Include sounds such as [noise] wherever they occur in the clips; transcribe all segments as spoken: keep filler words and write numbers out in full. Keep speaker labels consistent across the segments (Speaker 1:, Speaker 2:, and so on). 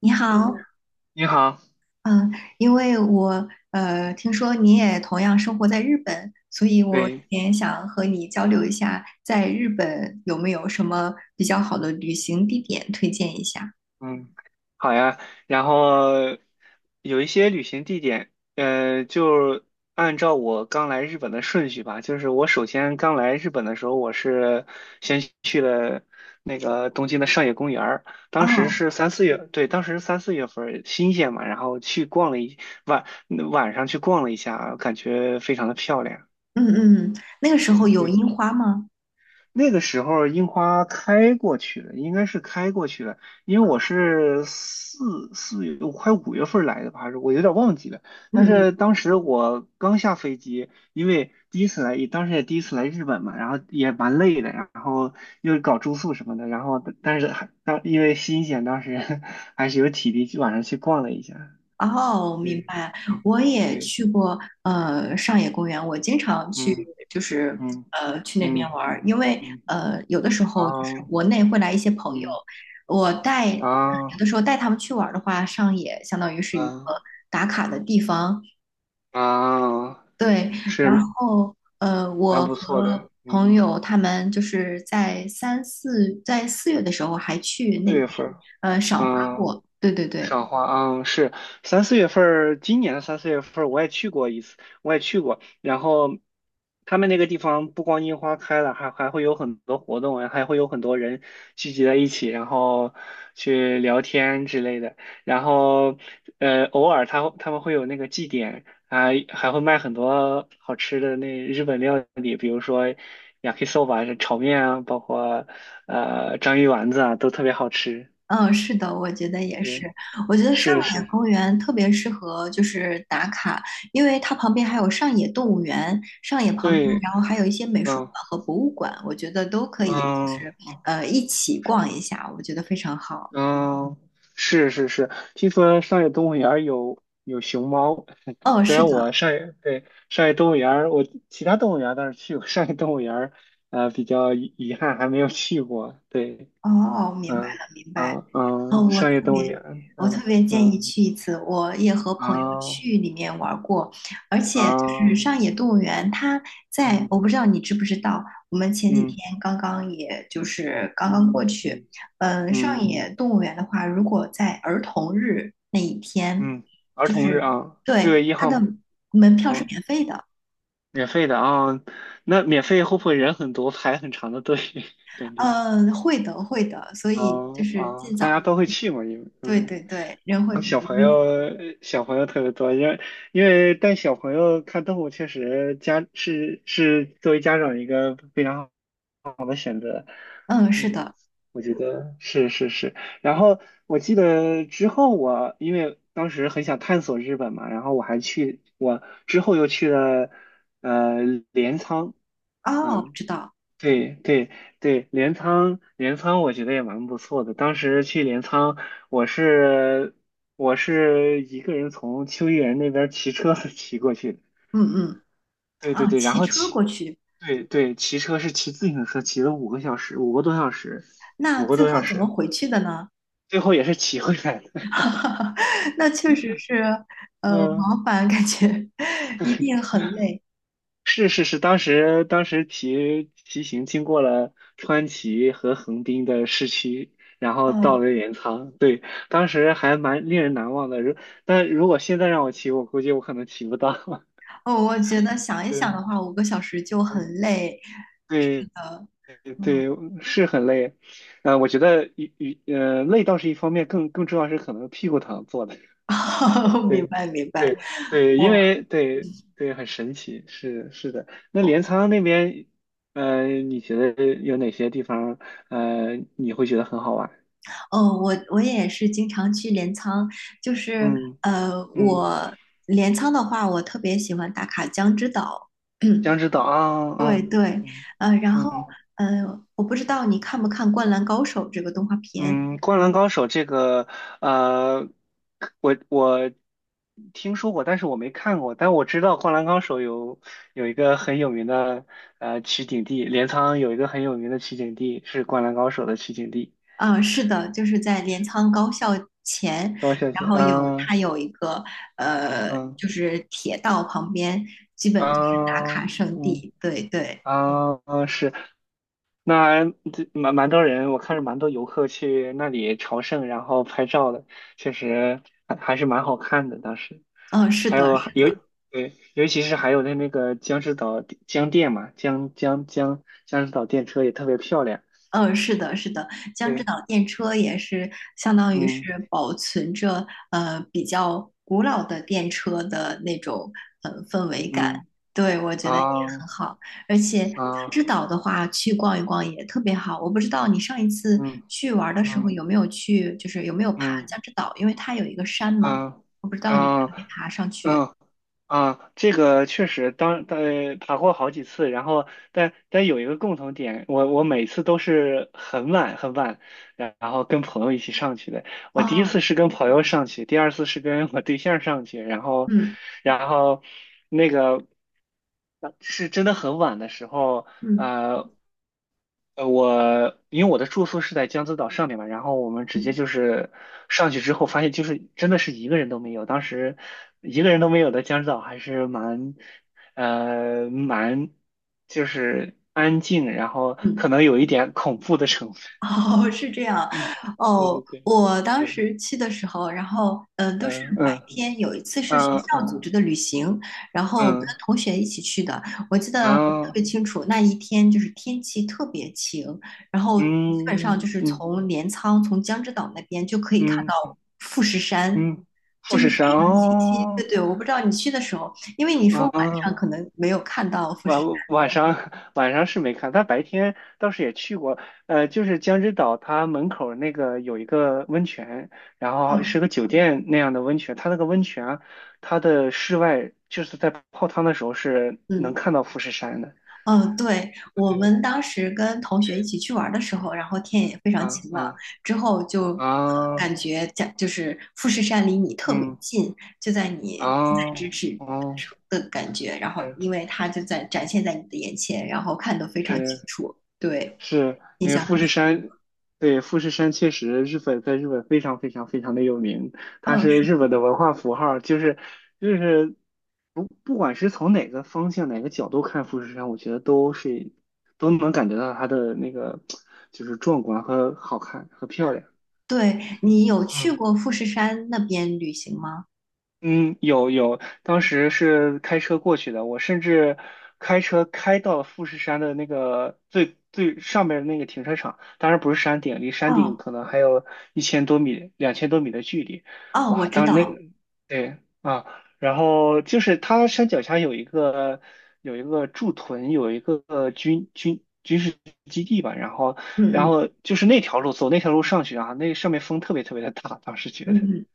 Speaker 1: 你
Speaker 2: 嗯
Speaker 1: 好，
Speaker 2: 你好，
Speaker 1: 嗯，因为我呃听说你也同样生活在日本，所以我
Speaker 2: 对，
Speaker 1: 也想和你交流一下，在日本有没有什么比较好的旅行地点推荐一下？
Speaker 2: 嗯，好呀。然后有一些旅行地点，呃，就按照我刚来日本的顺序吧。就是我首先刚来日本的时候，我是先去了那个东京的上野公园儿，当时
Speaker 1: 哦，
Speaker 2: 是三四月，对，当时是三四月份儿新鲜嘛，然后去逛了一晚晚上去逛了一下，感觉非常的漂亮。
Speaker 1: 嗯嗯，嗯那个时
Speaker 2: 哎，
Speaker 1: 候有
Speaker 2: 对。
Speaker 1: 樱花吗？
Speaker 2: 那个时候樱花开过去了，应该是开过去了，因为我是四四月快五月份来的吧，还是我有点忘记了。但
Speaker 1: 嗯嗯。
Speaker 2: 是当时我刚下飞机，因为第一次来，当时也第一次来日本嘛，然后也蛮累的，然后又搞住宿什么的，然后但是还当因为新鲜，当时 [laughs] 还是有体力去晚上去逛了一下。嗯
Speaker 1: 哦，明
Speaker 2: 对，
Speaker 1: 白。
Speaker 2: 对，
Speaker 1: 我也
Speaker 2: 对，
Speaker 1: 去过呃上野公园，我经常去，
Speaker 2: 嗯
Speaker 1: 就是
Speaker 2: 嗯
Speaker 1: 呃去那边
Speaker 2: 嗯
Speaker 1: 玩儿，因为
Speaker 2: 嗯
Speaker 1: 呃有的时
Speaker 2: 啊
Speaker 1: 候就是国内会来一些朋友，
Speaker 2: 嗯
Speaker 1: 我带有
Speaker 2: 啊
Speaker 1: 的时候带他们去玩儿的话，上野相当于是一个
Speaker 2: 嗯。
Speaker 1: 打卡的地方，
Speaker 2: 啊，
Speaker 1: 对。然
Speaker 2: 是
Speaker 1: 后呃，
Speaker 2: 蛮
Speaker 1: 我
Speaker 2: 不错的，
Speaker 1: 和
Speaker 2: 嗯，
Speaker 1: 朋友他们就是在三四在四月的时候还去那
Speaker 2: 四
Speaker 1: 边
Speaker 2: 月份儿，
Speaker 1: 呃赏花
Speaker 2: 嗯，
Speaker 1: 过，对对对。
Speaker 2: 赏花，嗯，是三四月份儿，今年的三四月份儿我也去过一次，我也去过。然后他们那个地方不光樱花开了，还还会有很多活动，还会有很多人聚集在一起，然后去聊天之类的。然后呃，偶尔他他们会有那个祭典，还还会卖很多好吃的那日本料理，比如说 yakisoba 是炒面啊，包括呃章鱼丸子啊，都特别好吃。
Speaker 1: 嗯，是的，我觉得也
Speaker 2: 对，
Speaker 1: 是。我觉得上
Speaker 2: 是
Speaker 1: 野
Speaker 2: 是。
Speaker 1: 公园特别适合就是打卡，因为它旁边还有上野动物园，上野旁边，然
Speaker 2: 对，
Speaker 1: 后还有一些美术馆
Speaker 2: 嗯
Speaker 1: 和博物馆，我觉得都可以，就
Speaker 2: 嗯
Speaker 1: 是呃一起逛一下，我觉得非常好。
Speaker 2: 嗯，是是是，听说上野动物园儿有有熊猫，[laughs]
Speaker 1: 哦，
Speaker 2: 虽
Speaker 1: 是
Speaker 2: 然
Speaker 1: 的，
Speaker 2: 我上野对，上野动物园儿我其他动物园儿倒是去过，上野动物园儿呃比较遗遗憾还没有去过。对，
Speaker 1: 哦，明白
Speaker 2: 嗯
Speaker 1: 了，明白。
Speaker 2: 嗯
Speaker 1: 哦，
Speaker 2: 嗯，
Speaker 1: 我
Speaker 2: 上
Speaker 1: 特
Speaker 2: 野动
Speaker 1: 别，
Speaker 2: 物园儿
Speaker 1: 我特
Speaker 2: 嗯
Speaker 1: 别建
Speaker 2: 嗯
Speaker 1: 议去一次。我也和朋友
Speaker 2: 啊
Speaker 1: 去里面玩儿过，而且就是
Speaker 2: 啊
Speaker 1: 上野动物园，它在，我
Speaker 2: 嗯
Speaker 1: 不知道你知不知道，我们前几天
Speaker 2: 嗯
Speaker 1: 刚刚也就是刚
Speaker 2: 嗯
Speaker 1: 刚过去。
Speaker 2: 嗯
Speaker 1: 嗯，
Speaker 2: 嗯
Speaker 1: 上
Speaker 2: 嗯，
Speaker 1: 野动物园的话，如果在儿童日那一天，
Speaker 2: 嗯儿
Speaker 1: 就
Speaker 2: 童日
Speaker 1: 是
Speaker 2: 啊，六
Speaker 1: 对
Speaker 2: 月一
Speaker 1: 它
Speaker 2: 号
Speaker 1: 的
Speaker 2: 嘛，
Speaker 1: 门票是
Speaker 2: 嗯。
Speaker 1: 免费的。
Speaker 2: 免费的啊，那免费会不会人很多，排很长的队？[laughs] 感觉
Speaker 1: 嗯，会的，会的，所以就
Speaker 2: 哦
Speaker 1: 是
Speaker 2: 哦，
Speaker 1: 尽
Speaker 2: 大家
Speaker 1: 早。
Speaker 2: 都会去嘛，因为
Speaker 1: 对
Speaker 2: 嗯，
Speaker 1: 对对，人会
Speaker 2: 然后
Speaker 1: 比较
Speaker 2: 小朋
Speaker 1: 拥挤。
Speaker 2: 友小朋友特别多，因为因为带小朋友看动物确实家是是作为家长一个非常好，
Speaker 1: 嗯，是
Speaker 2: 嗯，
Speaker 1: 的。
Speaker 2: 我觉得是是是。然后我记得之后我因为当时很想探索日本嘛，然后我还去我之后又去了呃镰仓。
Speaker 1: 哦，
Speaker 2: 嗯，
Speaker 1: 知道。
Speaker 2: 对对对，镰仓镰仓我觉得也蛮不错的。当时去镰仓，我是我是一个人从秋叶原那边骑车 [laughs] 骑过去的。
Speaker 1: 嗯嗯。
Speaker 2: 对对
Speaker 1: 啊，
Speaker 2: 对，然
Speaker 1: 骑
Speaker 2: 后
Speaker 1: 车过
Speaker 2: 骑
Speaker 1: 去，
Speaker 2: 对对，骑车是骑自行车，骑了五个小时，五个多小时，
Speaker 1: 那
Speaker 2: 五个
Speaker 1: 最
Speaker 2: 多小
Speaker 1: 后怎么
Speaker 2: 时，
Speaker 1: 回去的呢？
Speaker 2: 最后也是骑回来的。
Speaker 1: [laughs] 那确实是，
Speaker 2: [laughs]
Speaker 1: 呃，
Speaker 2: 嗯。
Speaker 1: 往返感觉 [laughs] 一定很累。
Speaker 2: 是是是，当时当时骑骑行经过了川崎和横滨的市区，然后到
Speaker 1: 哦
Speaker 2: 了镰仓，对，当时还蛮令人难忘的。如但如果现在让我骑，我估计我可能骑不到。[laughs]
Speaker 1: 哦，我觉得想一想
Speaker 2: 对
Speaker 1: 的话，五个小时就很累。
Speaker 2: 对，
Speaker 1: 呃，
Speaker 2: 对
Speaker 1: 嗯，
Speaker 2: 对，是很累。呃，我觉得一一呃累倒是一方面，更更重要是可能屁股疼坐的。
Speaker 1: [laughs] 明
Speaker 2: 对
Speaker 1: 白明白。
Speaker 2: 对对，因
Speaker 1: 我
Speaker 2: 为对对很神奇，是是的。那镰仓那边，呃，你觉得有哪些地方，呃，你会觉得很好玩？
Speaker 1: 哦，我我也是经常去镰仓，就是
Speaker 2: 嗯
Speaker 1: 呃，
Speaker 2: 嗯，
Speaker 1: 我镰仓的话，我特别喜欢打卡江之岛。[clears throat]
Speaker 2: 江之岛啊
Speaker 1: 对
Speaker 2: 啊
Speaker 1: 对，
Speaker 2: 嗯
Speaker 1: 呃，然后
Speaker 2: 嗯
Speaker 1: 呃，我不知道你看不看《灌篮高手》这个动画片
Speaker 2: 嗯，《灌篮高手》这个，呃，我我听说过，但是我没看过，但我知道《灌篮高手》有有一个很有名的呃取景地，镰仓有一个很有名的取景地是《灌篮高手》的取景地。
Speaker 1: 啊，是的，就是在镰仓高校前，
Speaker 2: 高小
Speaker 1: 然
Speaker 2: 姐，
Speaker 1: 后有它
Speaker 2: 嗯
Speaker 1: 有一个呃，
Speaker 2: 嗯
Speaker 1: 就是铁道旁边，基本就是打卡
Speaker 2: 嗯
Speaker 1: 圣
Speaker 2: 嗯
Speaker 1: 地。对对，
Speaker 2: 啊，嗯是，那这蛮蛮多人，我看着蛮多游客去那里朝圣，然后拍照的，确实还还是蛮好看的。当时
Speaker 1: 嗯，是
Speaker 2: 还
Speaker 1: 的，
Speaker 2: 有尤对，尤其是还有那那个江之岛江电嘛，江江江江之岛电车也特别漂亮。
Speaker 1: 嗯，是的，是的，江之
Speaker 2: 对，
Speaker 1: 岛电车也是相当于是
Speaker 2: 嗯
Speaker 1: 保存着呃比较古老的电车的那种呃氛围感，
Speaker 2: 嗯
Speaker 1: 对，我觉得也
Speaker 2: 啊
Speaker 1: 很好。而且江之
Speaker 2: 啊
Speaker 1: 岛的话，去逛一逛也特别好。我不知道你上一次
Speaker 2: 嗯
Speaker 1: 去玩儿的时候
Speaker 2: 嗯
Speaker 1: 有没有去，就是有没有爬
Speaker 2: 嗯
Speaker 1: 江之岛，因为它有一个山嘛，
Speaker 2: 嗯
Speaker 1: 我不知
Speaker 2: 啊
Speaker 1: 道你爬
Speaker 2: 啊。
Speaker 1: 没爬上去。
Speaker 2: 嗯啊，这个确实当呃爬过好几次，然后但但有一个共同点，我我每次都是很晚很晚，然然后跟朋友一起上去的。我第一
Speaker 1: 哦，
Speaker 2: 次是跟朋友上去，第二次是跟我对象上去，然后
Speaker 1: 嗯
Speaker 2: 然后那个呃是真的很晚的时候，
Speaker 1: 嗯
Speaker 2: 呃。呃，我因为我的住宿是在江之岛上面嘛，然后我们直接
Speaker 1: 嗯
Speaker 2: 就是上去之后发现，就是真的是一个人都没有。当时一个人都没有的江之岛还是蛮，呃，蛮就是安静，然后
Speaker 1: 嗯。
Speaker 2: 可能有一点恐怖的成分。
Speaker 1: [laughs]
Speaker 2: [laughs]
Speaker 1: 哦，是这样。
Speaker 2: 对
Speaker 1: 哦，
Speaker 2: 对对
Speaker 1: 我当
Speaker 2: 对，
Speaker 1: 时去的时候，然后嗯、呃都是
Speaker 2: 嗯
Speaker 1: 白
Speaker 2: 嗯
Speaker 1: 天。有一次是学
Speaker 2: 嗯
Speaker 1: 校组织
Speaker 2: 嗯
Speaker 1: 的旅行，然后跟
Speaker 2: 嗯，
Speaker 1: 同学一起去的。我记
Speaker 2: 然
Speaker 1: 得特别
Speaker 2: 后
Speaker 1: 清楚，那一天就是天气特别晴，然后基本上
Speaker 2: 嗯
Speaker 1: 就是
Speaker 2: 嗯
Speaker 1: 从镰仓、从江之岛那边就可以看
Speaker 2: 嗯
Speaker 1: 到富士山，
Speaker 2: 嗯，
Speaker 1: 就
Speaker 2: 富
Speaker 1: 是
Speaker 2: 士山
Speaker 1: 非常的清晰。对
Speaker 2: 哦，
Speaker 1: 对，我不知道你去的时候，因为你说晚上可
Speaker 2: 啊
Speaker 1: 能没有看到富士
Speaker 2: 晚
Speaker 1: 山。
Speaker 2: 晚上 [laughs] 晚上是没看，但白天倒是也去过，呃，就是江之岛，它门口那个有一个温泉，然后是
Speaker 1: 嗯
Speaker 2: 个酒店那样的温泉，它那个温泉啊它的室外就是在泡汤的时候是能
Speaker 1: 嗯。
Speaker 2: 看到富士山的。
Speaker 1: 嗯，对，我
Speaker 2: 对，
Speaker 1: 们当时跟同学一起去玩儿的时候，
Speaker 2: 嗯
Speaker 1: 然后天也非常
Speaker 2: 啊
Speaker 1: 晴朗，
Speaker 2: 嗯
Speaker 1: 之后就呃感
Speaker 2: 啊
Speaker 1: 觉家就是富士山离你特别
Speaker 2: 嗯
Speaker 1: 近，就在
Speaker 2: 啊
Speaker 1: 你近在咫
Speaker 2: 哦
Speaker 1: 尺
Speaker 2: 哦，
Speaker 1: 的感觉，然后因为它就在展现在你的眼前，然后看得非常清
Speaker 2: 是
Speaker 1: 楚，对，
Speaker 2: 是
Speaker 1: 印
Speaker 2: 因为
Speaker 1: 象
Speaker 2: 富
Speaker 1: 很
Speaker 2: 士
Speaker 1: 深。
Speaker 2: 山，对，富士山确实日本在日本非常非常非常的有名，它
Speaker 1: 嗯，
Speaker 2: 是
Speaker 1: 是
Speaker 2: 日本的文化符号，就是就是不不管是从哪个方向哪个角度看富士山，我觉得都是都能感觉到它的那个就是壮观和好看和漂亮，
Speaker 1: 对，
Speaker 2: 是，
Speaker 1: 你有去过富士山那边旅行吗？
Speaker 2: 嗯，有有，当时是开车过去的，我甚至开车开到了富士山的那个最最上面的那个停车场，当然不是山顶，离山顶
Speaker 1: 哦
Speaker 2: 可能还有一千多米、两千多米的距离。
Speaker 1: 哦，我
Speaker 2: 哇，
Speaker 1: 知
Speaker 2: 当那
Speaker 1: 道，
Speaker 2: 对啊，然后就是它山脚下有一个有一个驻屯，有一个呃军军军事基地吧，然后
Speaker 1: 嗯
Speaker 2: 然
Speaker 1: 嗯
Speaker 2: 后就是那条路走那条路上去啊，那上面风特别特别的大，当时觉
Speaker 1: 嗯
Speaker 2: 得
Speaker 1: 嗯。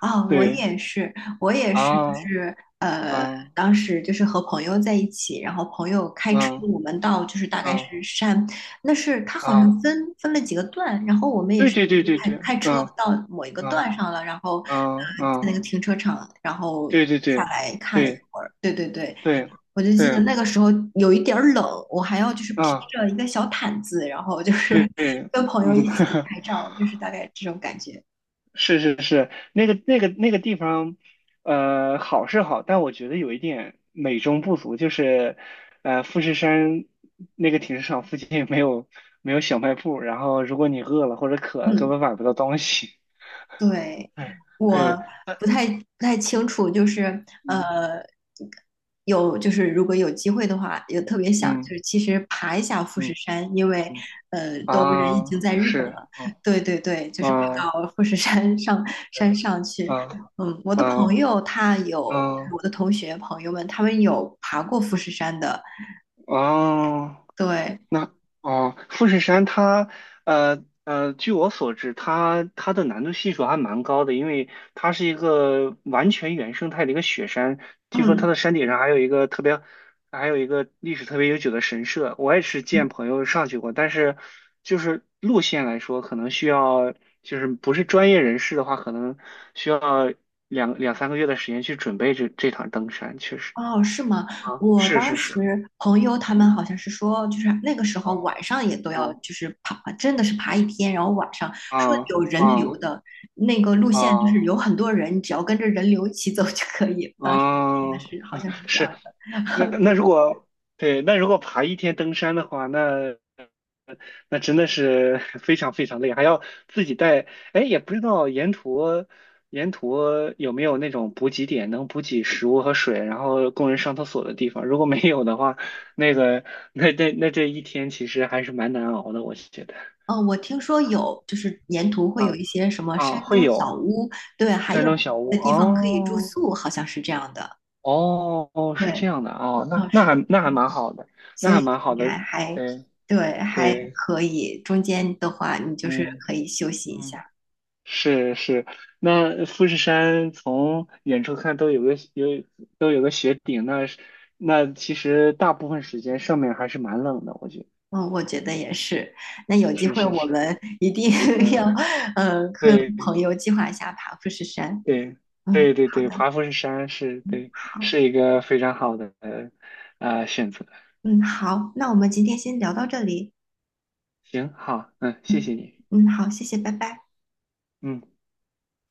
Speaker 1: 啊，我
Speaker 2: 对。
Speaker 1: 也是，我也是，就
Speaker 2: 啊
Speaker 1: 是呃，
Speaker 2: 嗯
Speaker 1: 当时就是和朋友在一起，然后朋友开车，
Speaker 2: 嗯
Speaker 1: 我们到就是大概是
Speaker 2: 嗯
Speaker 1: 山，那是他好像
Speaker 2: 啊，
Speaker 1: 分分了几个段，然后我们也
Speaker 2: 对
Speaker 1: 是
Speaker 2: 对对对
Speaker 1: 开
Speaker 2: 对，
Speaker 1: 开车
Speaker 2: 嗯
Speaker 1: 到某一个段
Speaker 2: 嗯
Speaker 1: 上了，然后
Speaker 2: 嗯
Speaker 1: 呃在
Speaker 2: 嗯，
Speaker 1: 那个停车场，然后
Speaker 2: 对对
Speaker 1: 下
Speaker 2: 对
Speaker 1: 来看了一
Speaker 2: 对
Speaker 1: 会儿，对对对，
Speaker 2: 对
Speaker 1: 我就记得
Speaker 2: 对，
Speaker 1: 那个时候有一点儿冷，我还要就是披
Speaker 2: 啊
Speaker 1: 着一个小毯子，然后就是
Speaker 2: 对
Speaker 1: [laughs]
Speaker 2: 对，
Speaker 1: 跟朋友
Speaker 2: 嗯，
Speaker 1: 一起拍照，就是大概这种感觉，
Speaker 2: [laughs] 是是是，那个那个那个地方，呃，好是好，但我觉得有一点美中不足，就是呃，富士山那个停车场附近没有没有小卖部，然后如果你饿了或者渴了，根
Speaker 1: 嗯。
Speaker 2: 本买不到东西。
Speaker 1: 对，
Speaker 2: [laughs] 对
Speaker 1: 我
Speaker 2: 对，但
Speaker 1: 不太不太清楚，就是
Speaker 2: 嗯
Speaker 1: 呃，有就是如果有机会的话，也特别想就
Speaker 2: 嗯
Speaker 1: 是其实爬一下富士
Speaker 2: 嗯。
Speaker 1: 山，因为
Speaker 2: 嗯
Speaker 1: 呃都人已经
Speaker 2: 啊，
Speaker 1: 在日本
Speaker 2: 是，
Speaker 1: 了，
Speaker 2: 嗯，
Speaker 1: 对对对，就是爬
Speaker 2: 啊，
Speaker 1: 到富士山上山上去。
Speaker 2: 啊，
Speaker 1: 嗯，我的
Speaker 2: 啊，
Speaker 1: 朋
Speaker 2: 啊，
Speaker 1: 友他有，
Speaker 2: 嗯啊。
Speaker 1: 我的同学朋友们他们有爬过富士山的，
Speaker 2: 哦
Speaker 1: 对，
Speaker 2: 哦，富士山它，呃呃，据我所知，它它的难度系数还蛮高的，因为它是一个完全原生态的一个雪山。听说它
Speaker 1: 嗯。
Speaker 2: 的山顶上还有一个特别，还有一个历史特别悠久的神社。我也是见朋友上去过，但是就是路线来说，可能需要就是不是专业人士的话，可能需要两两三个月的时间去准备这这场登山，确实
Speaker 1: 哦，是吗？
Speaker 2: 啊，
Speaker 1: 我
Speaker 2: 是
Speaker 1: 当
Speaker 2: 是是，
Speaker 1: 时朋友他们
Speaker 2: 嗯，
Speaker 1: 好像是说，就是那个时候
Speaker 2: 哦
Speaker 1: 晚上也都要，
Speaker 2: 哦
Speaker 1: 就是爬，真的是爬一天，然后晚上说
Speaker 2: 啊
Speaker 1: 有人
Speaker 2: 啊。
Speaker 1: 流的那个路线，就是
Speaker 2: 啊，
Speaker 1: 有很多人，只要跟着人流一起走就可以。当时真的
Speaker 2: 嗯，
Speaker 1: 是好像是这
Speaker 2: 是，
Speaker 1: 样
Speaker 2: 那
Speaker 1: 的，[laughs]
Speaker 2: 那
Speaker 1: 对。
Speaker 2: 如果对，那如果爬一天登山的话，那那真的是 [laughs] 非常非常累，还要自己带。哎，也不知道沿途沿途有没有那种补给点，能补给食物和水，然后供人上厕所的地方。如果没有的话，那个那那那这一天其实还是蛮难熬的，我觉得。
Speaker 1: 嗯，我听说有，就是沿途会有
Speaker 2: 啊
Speaker 1: 一些什么
Speaker 2: 啊，
Speaker 1: 山
Speaker 2: 会
Speaker 1: 中小
Speaker 2: 有
Speaker 1: 屋，对，还
Speaker 2: 山
Speaker 1: 有
Speaker 2: 中小
Speaker 1: 的
Speaker 2: 屋
Speaker 1: 地方可以住
Speaker 2: 哦。
Speaker 1: 宿，好像是这样的。
Speaker 2: 哦哦，是
Speaker 1: 对，
Speaker 2: 这样的哦，那
Speaker 1: 哦，
Speaker 2: 那
Speaker 1: 是的。
Speaker 2: 还那还蛮好的，那
Speaker 1: 所
Speaker 2: 还
Speaker 1: 以
Speaker 2: 蛮好
Speaker 1: 应该
Speaker 2: 的，
Speaker 1: 还
Speaker 2: 对
Speaker 1: 对，还
Speaker 2: 对，
Speaker 1: 可以。中间的话，你就是
Speaker 2: 嗯
Speaker 1: 可以休息一下。
Speaker 2: 嗯，是是，那富士山从远处看都有个有都有个雪顶，那是那其实大部分时间上面还是蛮冷的，我觉得
Speaker 1: 嗯，我觉得也是。那有机
Speaker 2: 是
Speaker 1: 会
Speaker 2: 是
Speaker 1: 我
Speaker 2: 是，
Speaker 1: 们一定 [laughs]
Speaker 2: 嗯，
Speaker 1: 要，呃，跟
Speaker 2: 对
Speaker 1: 朋友计划一下爬富士山。
Speaker 2: 对
Speaker 1: 嗯，
Speaker 2: 对对
Speaker 1: 好
Speaker 2: 对，
Speaker 1: 的，
Speaker 2: 爬富士山是
Speaker 1: 嗯，
Speaker 2: 对，
Speaker 1: 好，
Speaker 2: 是一个非常好的呃选择，
Speaker 1: 嗯，好，那我
Speaker 2: 嗯，
Speaker 1: 们今天先聊到这里。
Speaker 2: 行好，嗯，谢
Speaker 1: 嗯，
Speaker 2: 谢你，
Speaker 1: 嗯，好，谢谢，拜拜。
Speaker 2: 嗯。